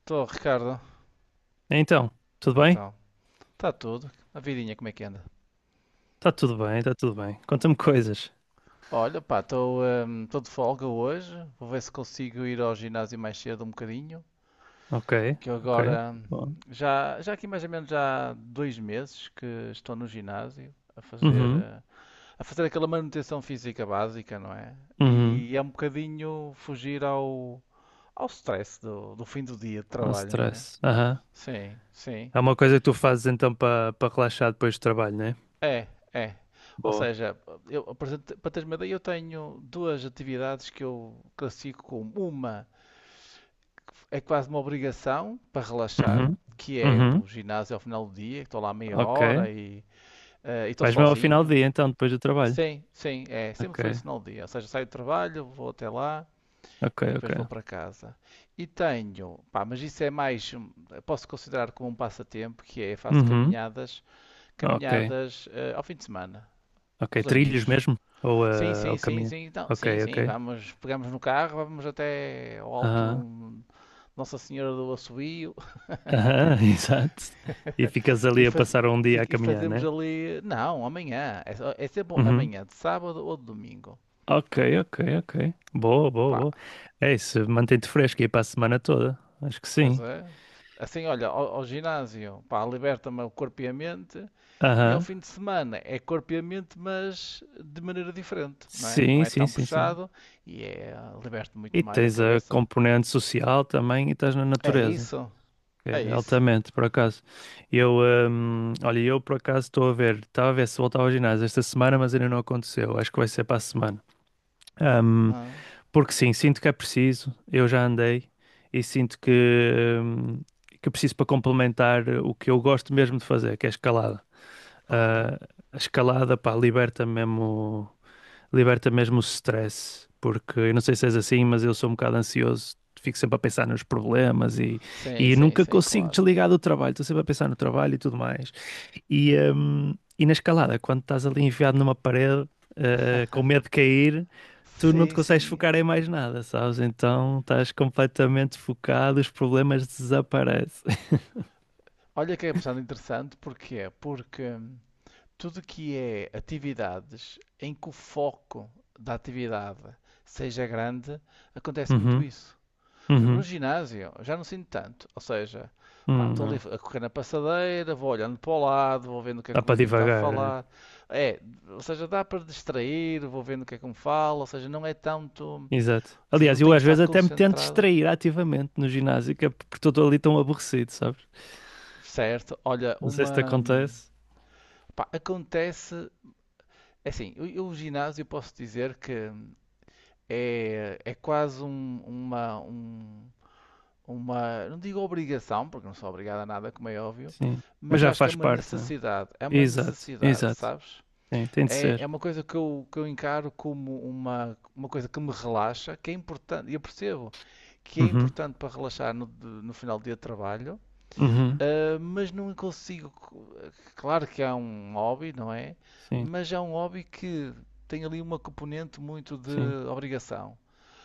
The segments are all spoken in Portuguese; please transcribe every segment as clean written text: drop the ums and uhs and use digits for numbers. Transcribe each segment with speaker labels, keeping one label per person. Speaker 1: Estou, Ricardo.
Speaker 2: Então, tudo bem?
Speaker 1: Então, está tudo. A vidinha, como é que anda?
Speaker 2: Tá tudo bem, tá tudo bem. Conta-me coisas.
Speaker 1: Olha, pá, estou tô de folga hoje. Vou ver se consigo ir ao ginásio mais cedo um bocadinho.
Speaker 2: Ok,
Speaker 1: Que eu
Speaker 2: ok.
Speaker 1: agora,
Speaker 2: Bom.
Speaker 1: já aqui mais ou menos já há 2 meses que estou no ginásio a fazer,
Speaker 2: Uhum,
Speaker 1: eh, a fazer aquela manutenção física básica, não é?
Speaker 2: uhum.
Speaker 1: E é um bocadinho fugir ao stress do fim do dia de
Speaker 2: Não
Speaker 1: trabalho, não é?
Speaker 2: stress. Aham.
Speaker 1: Sim, sim.
Speaker 2: É uma coisa que tu fazes então para relaxar depois do trabalho, né?
Speaker 1: É, é. Ou
Speaker 2: Boa.
Speaker 1: seja, eu, por exemplo, para teres uma ideia, eu tenho duas atividades que eu classifico como uma é quase uma obrigação para relaxar,
Speaker 2: Uhum,
Speaker 1: que é
Speaker 2: uhum.
Speaker 1: o ginásio ao final do dia, que estou lá meia
Speaker 2: Ok.
Speaker 1: hora e estou
Speaker 2: Vais mesmo ao final do
Speaker 1: sozinho.
Speaker 2: dia então, depois do trabalho.
Speaker 1: Sim, sim, é. Sempre
Speaker 2: Ok,
Speaker 1: foi isso no dia. Ou seja, saio do trabalho, vou até lá
Speaker 2: ok,
Speaker 1: e depois vou
Speaker 2: ok.
Speaker 1: para casa. E tenho, pá, mas isso é mais, posso considerar como um passatempo, que é faço
Speaker 2: Uhum,
Speaker 1: caminhadas,
Speaker 2: ok.
Speaker 1: ao fim de semana, com
Speaker 2: Ok,
Speaker 1: os
Speaker 2: trilhos
Speaker 1: amigos.
Speaker 2: mesmo? Ou,
Speaker 1: Sim, sim,
Speaker 2: ou
Speaker 1: sim,
Speaker 2: caminho?
Speaker 1: sim. Então
Speaker 2: Ok,
Speaker 1: sim,
Speaker 2: ok.
Speaker 1: sim, vamos, pegamos no carro, vamos até ao alto
Speaker 2: Aham,
Speaker 1: do Nossa Senhora do Assobio
Speaker 2: aham, exato. E ficas
Speaker 1: e,
Speaker 2: ali a
Speaker 1: faz-
Speaker 2: passar um dia a
Speaker 1: e
Speaker 2: caminhar,
Speaker 1: fazemos
Speaker 2: né?
Speaker 1: ali. Não, amanhã. É, é sempre amanhã, de sábado ou de domingo.
Speaker 2: Ok, ok, ok. Boa, boa,
Speaker 1: Pá,
Speaker 2: boa. É isso, mantém-te fresco aí para a semana toda. Acho que
Speaker 1: pois
Speaker 2: sim.
Speaker 1: é. Assim, olha, ao ginásio, pá, liberta-me o corpo e a mente, e ao
Speaker 2: Aham.
Speaker 1: fim de semana é corpo e a mente, mas de maneira diferente, não é? Não
Speaker 2: Sim,
Speaker 1: é
Speaker 2: sim,
Speaker 1: tão
Speaker 2: sim, sim.
Speaker 1: puxado e é, liberta muito
Speaker 2: E
Speaker 1: mais a
Speaker 2: tens a
Speaker 1: cabeça.
Speaker 2: componente social também e estás na
Speaker 1: É
Speaker 2: natureza.
Speaker 1: isso,
Speaker 2: Que
Speaker 1: é
Speaker 2: é
Speaker 1: isso.
Speaker 2: altamente, por acaso. Eu, olha, eu por acaso estou a ver, estava a ver se voltava ao ginásio esta semana, mas ainda não aconteceu. Acho que vai ser para a semana. Hum,
Speaker 1: Ah,
Speaker 2: Porque sim, sinto que é preciso. Eu já andei e sinto hum, que preciso para complementar o que eu gosto mesmo de fazer, que é escalada.
Speaker 1: olha.
Speaker 2: Ah, a escalada, pá, liberta mesmo o stress, porque eu não sei se és assim, mas eu sou um bocado ansioso, fico sempre a pensar nos problemas
Speaker 1: Sim,
Speaker 2: e
Speaker 1: sim,
Speaker 2: nunca
Speaker 1: sim,
Speaker 2: consigo
Speaker 1: claro.
Speaker 2: desligar do trabalho, estou sempre a pensar no trabalho e tudo mais. E na escalada, quando estás ali enfiado numa parede, ah, com medo de cair, tu não te
Speaker 1: Sim,
Speaker 2: consegues
Speaker 1: sim.
Speaker 2: focar em mais nada, sabes? Então estás completamente focado, os problemas desaparecem.
Speaker 1: Olha que é bastante interessante, porquê? Porque tudo que é atividades em que o foco da atividade seja grande, acontece muito
Speaker 2: Uhum,
Speaker 1: isso. Por exemplo, no
Speaker 2: uhum,
Speaker 1: ginásio, eu já não sinto tanto. Ou seja, pá, estou ali
Speaker 2: não.
Speaker 1: a correr na passadeira, vou olhando para o lado, vou vendo o que é
Speaker 2: Dá
Speaker 1: que o
Speaker 2: para
Speaker 1: vizinho está a
Speaker 2: divagar, né?
Speaker 1: falar. É, ou seja, dá para distrair, vou vendo o que é que me fala, ou seja, não é tanto. Ou
Speaker 2: Exato.
Speaker 1: seja,
Speaker 2: Aliás,
Speaker 1: não
Speaker 2: eu
Speaker 1: tenho que
Speaker 2: às
Speaker 1: estar
Speaker 2: vezes até me tento
Speaker 1: concentrado.
Speaker 2: distrair ativamente no ginásio, que é porque estou ali tão aborrecido, sabes?
Speaker 1: Certo, olha,
Speaker 2: Não sei se te
Speaker 1: uma.
Speaker 2: acontece.
Speaker 1: Pá, acontece. É assim, o ginásio eu posso dizer que é quase uma. Não digo obrigação, porque não sou obrigado a nada, como é óbvio,
Speaker 2: Sim. Mas
Speaker 1: mas
Speaker 2: já
Speaker 1: acho que é
Speaker 2: faz
Speaker 1: uma
Speaker 2: parte, não?
Speaker 1: necessidade. É
Speaker 2: É?
Speaker 1: uma
Speaker 2: Exato,
Speaker 1: necessidade,
Speaker 2: exato.
Speaker 1: sabes?
Speaker 2: Sim, tem de
Speaker 1: É
Speaker 2: ser.
Speaker 1: uma coisa que eu encaro como uma coisa que me relaxa, que é importante, e eu percebo que é
Speaker 2: Uhum.
Speaker 1: importante para relaxar no final do dia de trabalho.
Speaker 2: Uhum.
Speaker 1: Ah, mas não consigo. Claro que há um hobby, não é?
Speaker 2: Sim,
Speaker 1: Mas é um hobby que tem ali uma componente muito de
Speaker 2: sim,
Speaker 1: obrigação.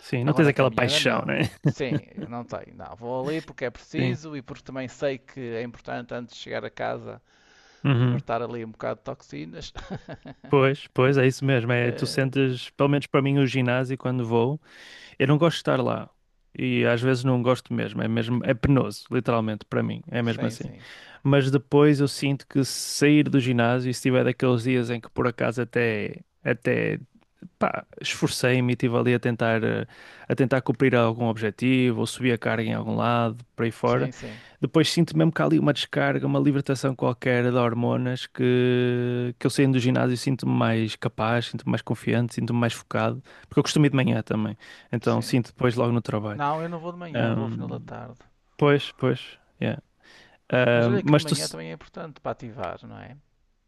Speaker 2: sim. Não tens
Speaker 1: Agora a
Speaker 2: aquela
Speaker 1: caminhada
Speaker 2: paixão,
Speaker 1: não.
Speaker 2: né?
Speaker 1: Sim, não tem. Não, vou ali porque é
Speaker 2: Sim.
Speaker 1: preciso e porque também sei que é importante antes de chegar a casa
Speaker 2: Uhum.
Speaker 1: libertar ali um bocado de toxinas.
Speaker 2: Pois, pois, é isso mesmo. É, tu
Speaker 1: Eh,
Speaker 2: sentes, pelo menos para mim, o ginásio quando vou. Eu não gosto de estar lá. E às vezes não gosto mesmo, é penoso, literalmente, para mim, é mesmo
Speaker 1: sim,
Speaker 2: assim.
Speaker 1: sim.
Speaker 2: Mas depois eu sinto que se sair do ginásio, e se tiver daqueles dias em que por acaso até, até pá, esforcei-me e estive ali a tentar, a tentar cumprir algum objetivo, ou subir a carga em algum lado, por aí
Speaker 1: Sim,
Speaker 2: fora.
Speaker 1: sim.
Speaker 2: Depois sinto mesmo que há ali uma descarga, uma libertação qualquer de hormonas que eu saindo do ginásio e sinto-me mais capaz, sinto-me mais confiante, sinto-me mais focado, porque eu costumo ir de manhã também, então
Speaker 1: Sim.
Speaker 2: sinto depois logo no trabalho.
Speaker 1: Não, eu não vou de manhã, vou ao final da
Speaker 2: Ahm,
Speaker 1: tarde.
Speaker 2: Pois, pois, yeah.
Speaker 1: Mas olha que de
Speaker 2: Mas tu,
Speaker 1: manhã também é importante para ativar, não é?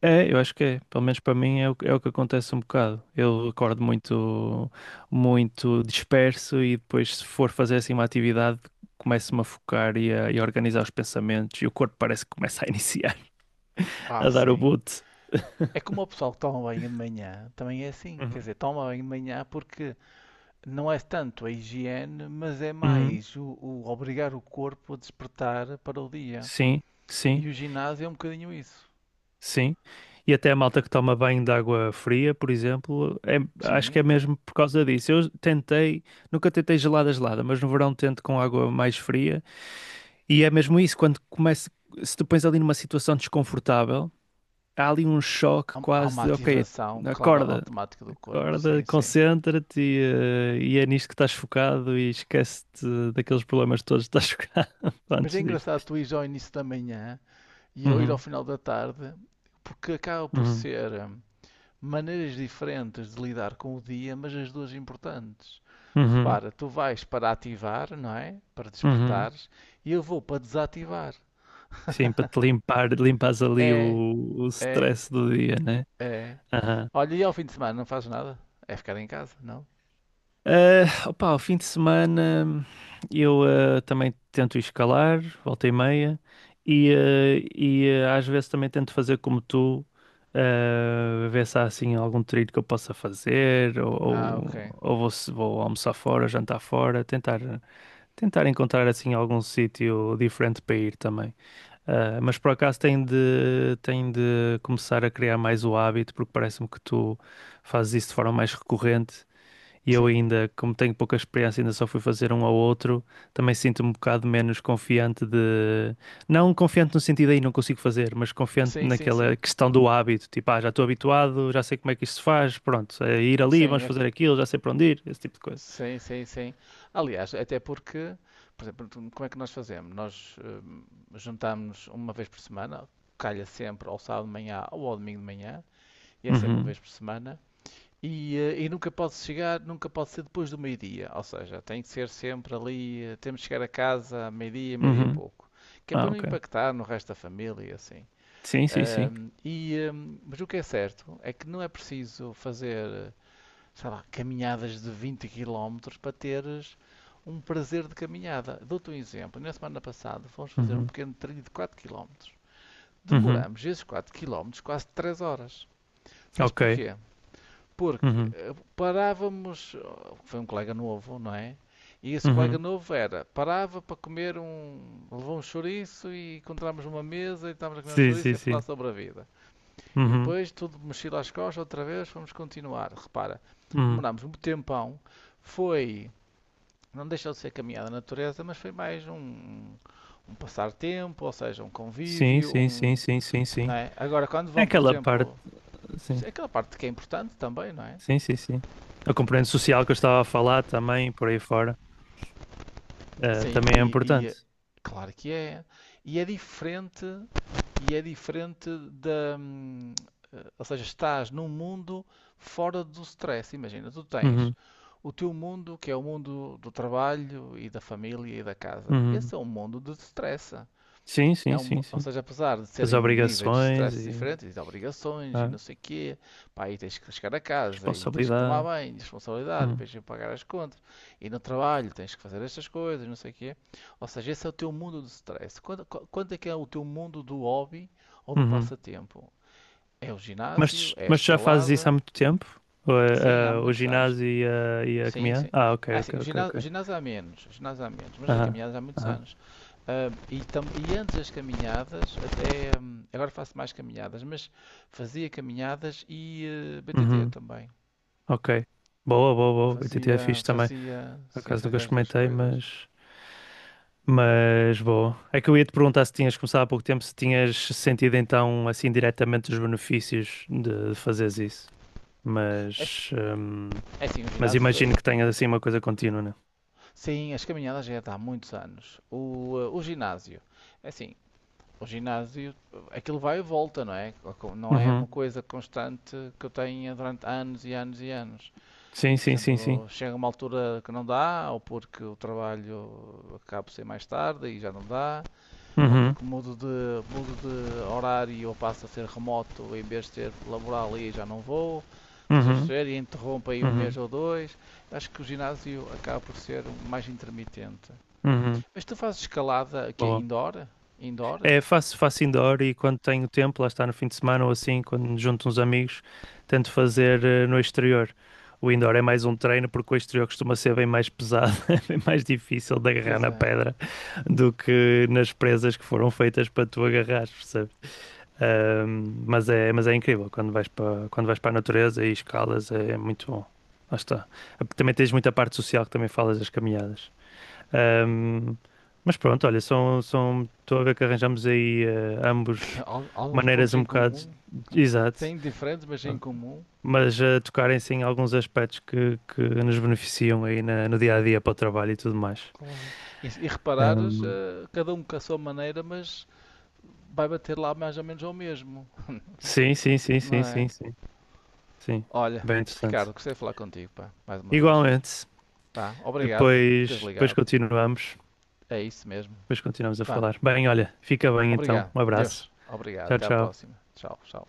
Speaker 2: é, eu acho que é. Pelo menos para mim é é o que acontece um bocado. Eu acordo muito, muito disperso e depois, se for fazer assim uma atividade, começo-me a focar e a organizar os pensamentos e o corpo parece que começa a iniciar,
Speaker 1: Ah,
Speaker 2: a dar o
Speaker 1: sim.
Speaker 2: boot.
Speaker 1: É como o pessoal que toma banho de manhã também é assim, quer
Speaker 2: Uhum.
Speaker 1: dizer, toma banho de manhã porque não é tanto a higiene, mas é
Speaker 2: Uhum.
Speaker 1: mais o obrigar o corpo a despertar para o dia.
Speaker 2: Sim, sim,
Speaker 1: E o ginásio é um bocadinho isso.
Speaker 2: sim. E até a malta que toma banho de água fria, por exemplo, é- acho que é
Speaker 1: Sim,
Speaker 2: mesmo por causa disso. Eu tentei, nunca tentei gelada, gelada, mas no verão tento com água mais fria. E é mesmo isso, quando começa, se tu pões ali numa situação desconfortável, há ali um choque
Speaker 1: há
Speaker 2: quase
Speaker 1: uma
Speaker 2: de, ok,
Speaker 1: ativação, claro,
Speaker 2: acorda,
Speaker 1: automática do corpo,
Speaker 2: acorda,
Speaker 1: sim, sim.
Speaker 2: concentra-te e é nisto que estás focado e esquece-te daqueles problemas todos que estás focado
Speaker 1: Mas é
Speaker 2: antes
Speaker 1: engraçado
Speaker 2: disto.
Speaker 1: tu ires ao início da manhã e eu ir ao
Speaker 2: Uhum,
Speaker 1: final da tarde, porque acaba por
Speaker 2: uhum,
Speaker 1: ser, maneiras diferentes de lidar com o dia, mas as duas importantes.
Speaker 2: uhum,
Speaker 1: Repara, tu vais para ativar, não é? Para
Speaker 2: uhum.
Speaker 1: despertares, e eu vou para desativar.
Speaker 2: Sim, para te limpar, limpas ali
Speaker 1: É,
Speaker 2: o
Speaker 1: é,
Speaker 2: stress do dia, né?
Speaker 1: é. Olha, e ao fim de semana não fazes nada? É ficar em casa, não?
Speaker 2: Ah, opa, ao fim de semana eu também tento escalar, volta e meia, e, e, às vezes também tento fazer como tu, ver se há assim algum trilho que eu possa fazer,
Speaker 1: Ah, ok.
Speaker 2: ou vou, se- vou almoçar fora, jantar fora, tentar, tentar encontrar assim algum sítio diferente para ir também. Ah, mas por acaso tenho de começar a criar mais o hábito, porque parece-me que tu fazes isso de forma mais recorrente. E eu
Speaker 1: Sim,
Speaker 2: ainda, como tenho pouca experiência, ainda só fui fazer um ao outro, também sinto-me um bocado menos confiante de... Não confiante no sentido aí não consigo fazer, mas confiante
Speaker 1: sim, sim,
Speaker 2: naquela
Speaker 1: sim.
Speaker 2: questão do hábito. Tipo, ah, já estou habituado, já sei como é que isto se faz, pronto, é ir ali,
Speaker 1: Sim,
Speaker 2: vamos fazer aquilo, já sei para onde ir, esse tipo de coisa.
Speaker 1: sim, sim, sim. Aliás, até porque, por exemplo, como é que nós fazemos? Nós juntamos uma vez por semana, calha sempre ao sábado de manhã ou ao domingo de manhã, e é sempre uma
Speaker 2: Uhum,
Speaker 1: vez por semana. E nunca pode chegar, nunca pode ser depois do meio-dia, ou seja, tem que ser sempre ali, temos que chegar a casa a meio-dia, meio-dia e
Speaker 2: uhum.
Speaker 1: pouco, que é para
Speaker 2: Ah,
Speaker 1: não
Speaker 2: ok.
Speaker 1: impactar no resto da família, e assim.
Speaker 2: Sim, sim, sim.
Speaker 1: E, mas o que é certo é que não é preciso fazer, sei lá, caminhadas de 20 quilómetros para teres um prazer de caminhada. Dou-te um exemplo, na semana passada fomos fazer um
Speaker 2: Uhum,
Speaker 1: pequeno trilho de 4 quilómetros.
Speaker 2: uhum.
Speaker 1: Demoramos esses 4 quilómetros quase 3 horas. Sabes
Speaker 2: Ok.
Speaker 1: porquê? Porque
Speaker 2: Uhum,
Speaker 1: parávamos, oh, foi um colega novo, não é? E esse colega
Speaker 2: uhum.
Speaker 1: novo era, parava para comer um, levou um chouriço e encontramos uma mesa e estávamos a comer um
Speaker 2: Sim,
Speaker 1: chouriço
Speaker 2: sim,
Speaker 1: e a
Speaker 2: sim.
Speaker 1: falar sobre a vida. E
Speaker 2: Uhum,
Speaker 1: depois tudo mexido às costas outra vez, fomos continuar. Repara,
Speaker 2: uhum.
Speaker 1: demorámos um tempão, foi, não deixou de ser caminhada na natureza, mas foi mais um passar tempo, ou seja, um
Speaker 2: Sim,
Speaker 1: convívio,
Speaker 2: sim, sim,
Speaker 1: um,
Speaker 2: sim, sim,
Speaker 1: não
Speaker 2: sim.
Speaker 1: é? Agora quando
Speaker 2: É
Speaker 1: vão, por
Speaker 2: aquela parte,
Speaker 1: exemplo,
Speaker 2: sim.
Speaker 1: é aquela parte que é importante também, não é?
Speaker 2: Sim, sim, sim. A componente social que eu estava a falar também, por aí fora,
Speaker 1: Sim,
Speaker 2: também é
Speaker 1: e
Speaker 2: importante.
Speaker 1: claro que é. E é diferente, e é diferente da, ou seja, estás num mundo fora do stress. Imagina, tu tens
Speaker 2: Uhum,
Speaker 1: o teu mundo, que é o mundo do trabalho e da família e da casa.
Speaker 2: uhum.
Speaker 1: Esse é um mundo de stress.
Speaker 2: Sim,
Speaker 1: É
Speaker 2: sim,
Speaker 1: um,
Speaker 2: sim,
Speaker 1: ou
Speaker 2: sim.
Speaker 1: seja, apesar de
Speaker 2: As
Speaker 1: serem níveis de
Speaker 2: obrigações
Speaker 1: stress
Speaker 2: e
Speaker 1: diferentes, de obrigações e
Speaker 2: a
Speaker 1: não sei o quê, pá, aí tens que chegar a casa, e tens que tomar
Speaker 2: responsabilidade.
Speaker 1: banho, responsabilidade,
Speaker 2: Uhum,
Speaker 1: depois tens que pagar as contas, e no trabalho tens que fazer estas coisas, não sei o quê. Ou seja, esse é o teu mundo do stress. Quanto é que é o teu mundo do hobby ou do
Speaker 2: uhum.
Speaker 1: passatempo? É o ginásio? É a
Speaker 2: Mas já fazes isso há
Speaker 1: escalada?
Speaker 2: muito tempo? O,
Speaker 1: Sim, há
Speaker 2: o
Speaker 1: muitos anos.
Speaker 2: ginásio e a
Speaker 1: Sim,
Speaker 2: caminhada?
Speaker 1: sim.
Speaker 2: Ah, ok,
Speaker 1: Ah, sim,
Speaker 2: ok,
Speaker 1: o
Speaker 2: ok,
Speaker 1: ginásio, o
Speaker 2: ok.
Speaker 1: ginásio há menos, o ginásio há menos, mas as
Speaker 2: Aham,
Speaker 1: caminhadas há muitos
Speaker 2: aham.
Speaker 1: anos. Ah, e antes das caminhadas, até agora faço mais caminhadas, mas fazia caminhadas e BTT
Speaker 2: Uhum,
Speaker 1: também.
Speaker 2: ok. Boa, boa, boa. BTT é
Speaker 1: Fazia,
Speaker 2: fixe também.
Speaker 1: fazia,
Speaker 2: Por
Speaker 1: sim,
Speaker 2: acaso nunca
Speaker 1: fazia as duas
Speaker 2: experimentei,
Speaker 1: coisas.
Speaker 2: mas. Mas boa. É que eu ia te perguntar se tinhas começado há pouco tempo, se tinhas sentido então assim diretamente os benefícios de fazeres isso.
Speaker 1: É,
Speaker 2: Mas, hum,
Speaker 1: é assim, o
Speaker 2: mas
Speaker 1: ginásio foi.
Speaker 2: imagino que tenhas assim uma coisa contínua, né?
Speaker 1: Sim, as caminhadas já é de há muitos anos. O ginásio, é assim, o ginásio, aquilo vai e volta, não é? Não é uma
Speaker 2: Uhum.
Speaker 1: coisa constante que eu tenha durante anos e anos e anos.
Speaker 2: Sim,
Speaker 1: Por
Speaker 2: sim, sim, sim.
Speaker 1: exemplo, chega uma altura que não dá, ou porque o trabalho acaba por ser mais tarde e já não dá, ou
Speaker 2: Uhum.
Speaker 1: porque mudo de horário ou passo a ser remoto em vez de ser laboral e já não vou. Estás a
Speaker 2: Uhum.
Speaker 1: perceber? E interrompe aí um mês
Speaker 2: Uhum.
Speaker 1: ou dois. Acho que o ginásio acaba por ser um mais intermitente.
Speaker 2: Uhum.
Speaker 1: Mas tu fazes escalada aqui
Speaker 2: Boa.
Speaker 1: indoor? Indoor?
Speaker 2: É, faço, faço indoor e quando tenho tempo, lá está no fim de semana ou assim, quando me junto uns amigos, tento fazer no exterior. O indoor é mais um treino porque o exterior costuma ser bem mais pesado, é bem mais difícil de agarrar
Speaker 1: Pois
Speaker 2: na
Speaker 1: é.
Speaker 2: pedra do que nas presas que foram feitas para tu agarrares, percebes? Mas é incrível quando vais para a natureza e escalas, é, é muito bom. Lá está. Também tens muita parte social que também falas das caminhadas. Ahm, mas pronto, olha, são, são, estou a ver que arranjamos aí ambos
Speaker 1: Alguns pontos
Speaker 2: maneiras um
Speaker 1: em
Speaker 2: bocado,
Speaker 1: comum.
Speaker 2: exato,
Speaker 1: Sem diferentes, mas em comum.
Speaker 2: mas a tocarem-se em alguns aspectos que nos beneficiam aí na- no dia a dia para o trabalho e tudo mais.
Speaker 1: Claro. E, se- e reparares,
Speaker 2: Ahm,
Speaker 1: cada um com a sua maneira, mas vai bater lá mais ou menos ao mesmo,
Speaker 2: sim, sim, sim,
Speaker 1: não
Speaker 2: sim,
Speaker 1: é?
Speaker 2: sim, sim, sim,
Speaker 1: Olha,
Speaker 2: bem interessante.
Speaker 1: Ricardo, gostei de falar contigo, pá, mais uma vez.
Speaker 2: Igualmente,
Speaker 1: Pá, obrigado por teres
Speaker 2: depois,
Speaker 1: ligado. É isso mesmo.
Speaker 2: depois continuamos a
Speaker 1: Pá,
Speaker 2: falar. Bem, olha, fica bem então,
Speaker 1: obrigado.
Speaker 2: um abraço,
Speaker 1: Deus, obrigado.
Speaker 2: tchau,
Speaker 1: Até à
Speaker 2: tchau.
Speaker 1: próxima. Tchau, tchau.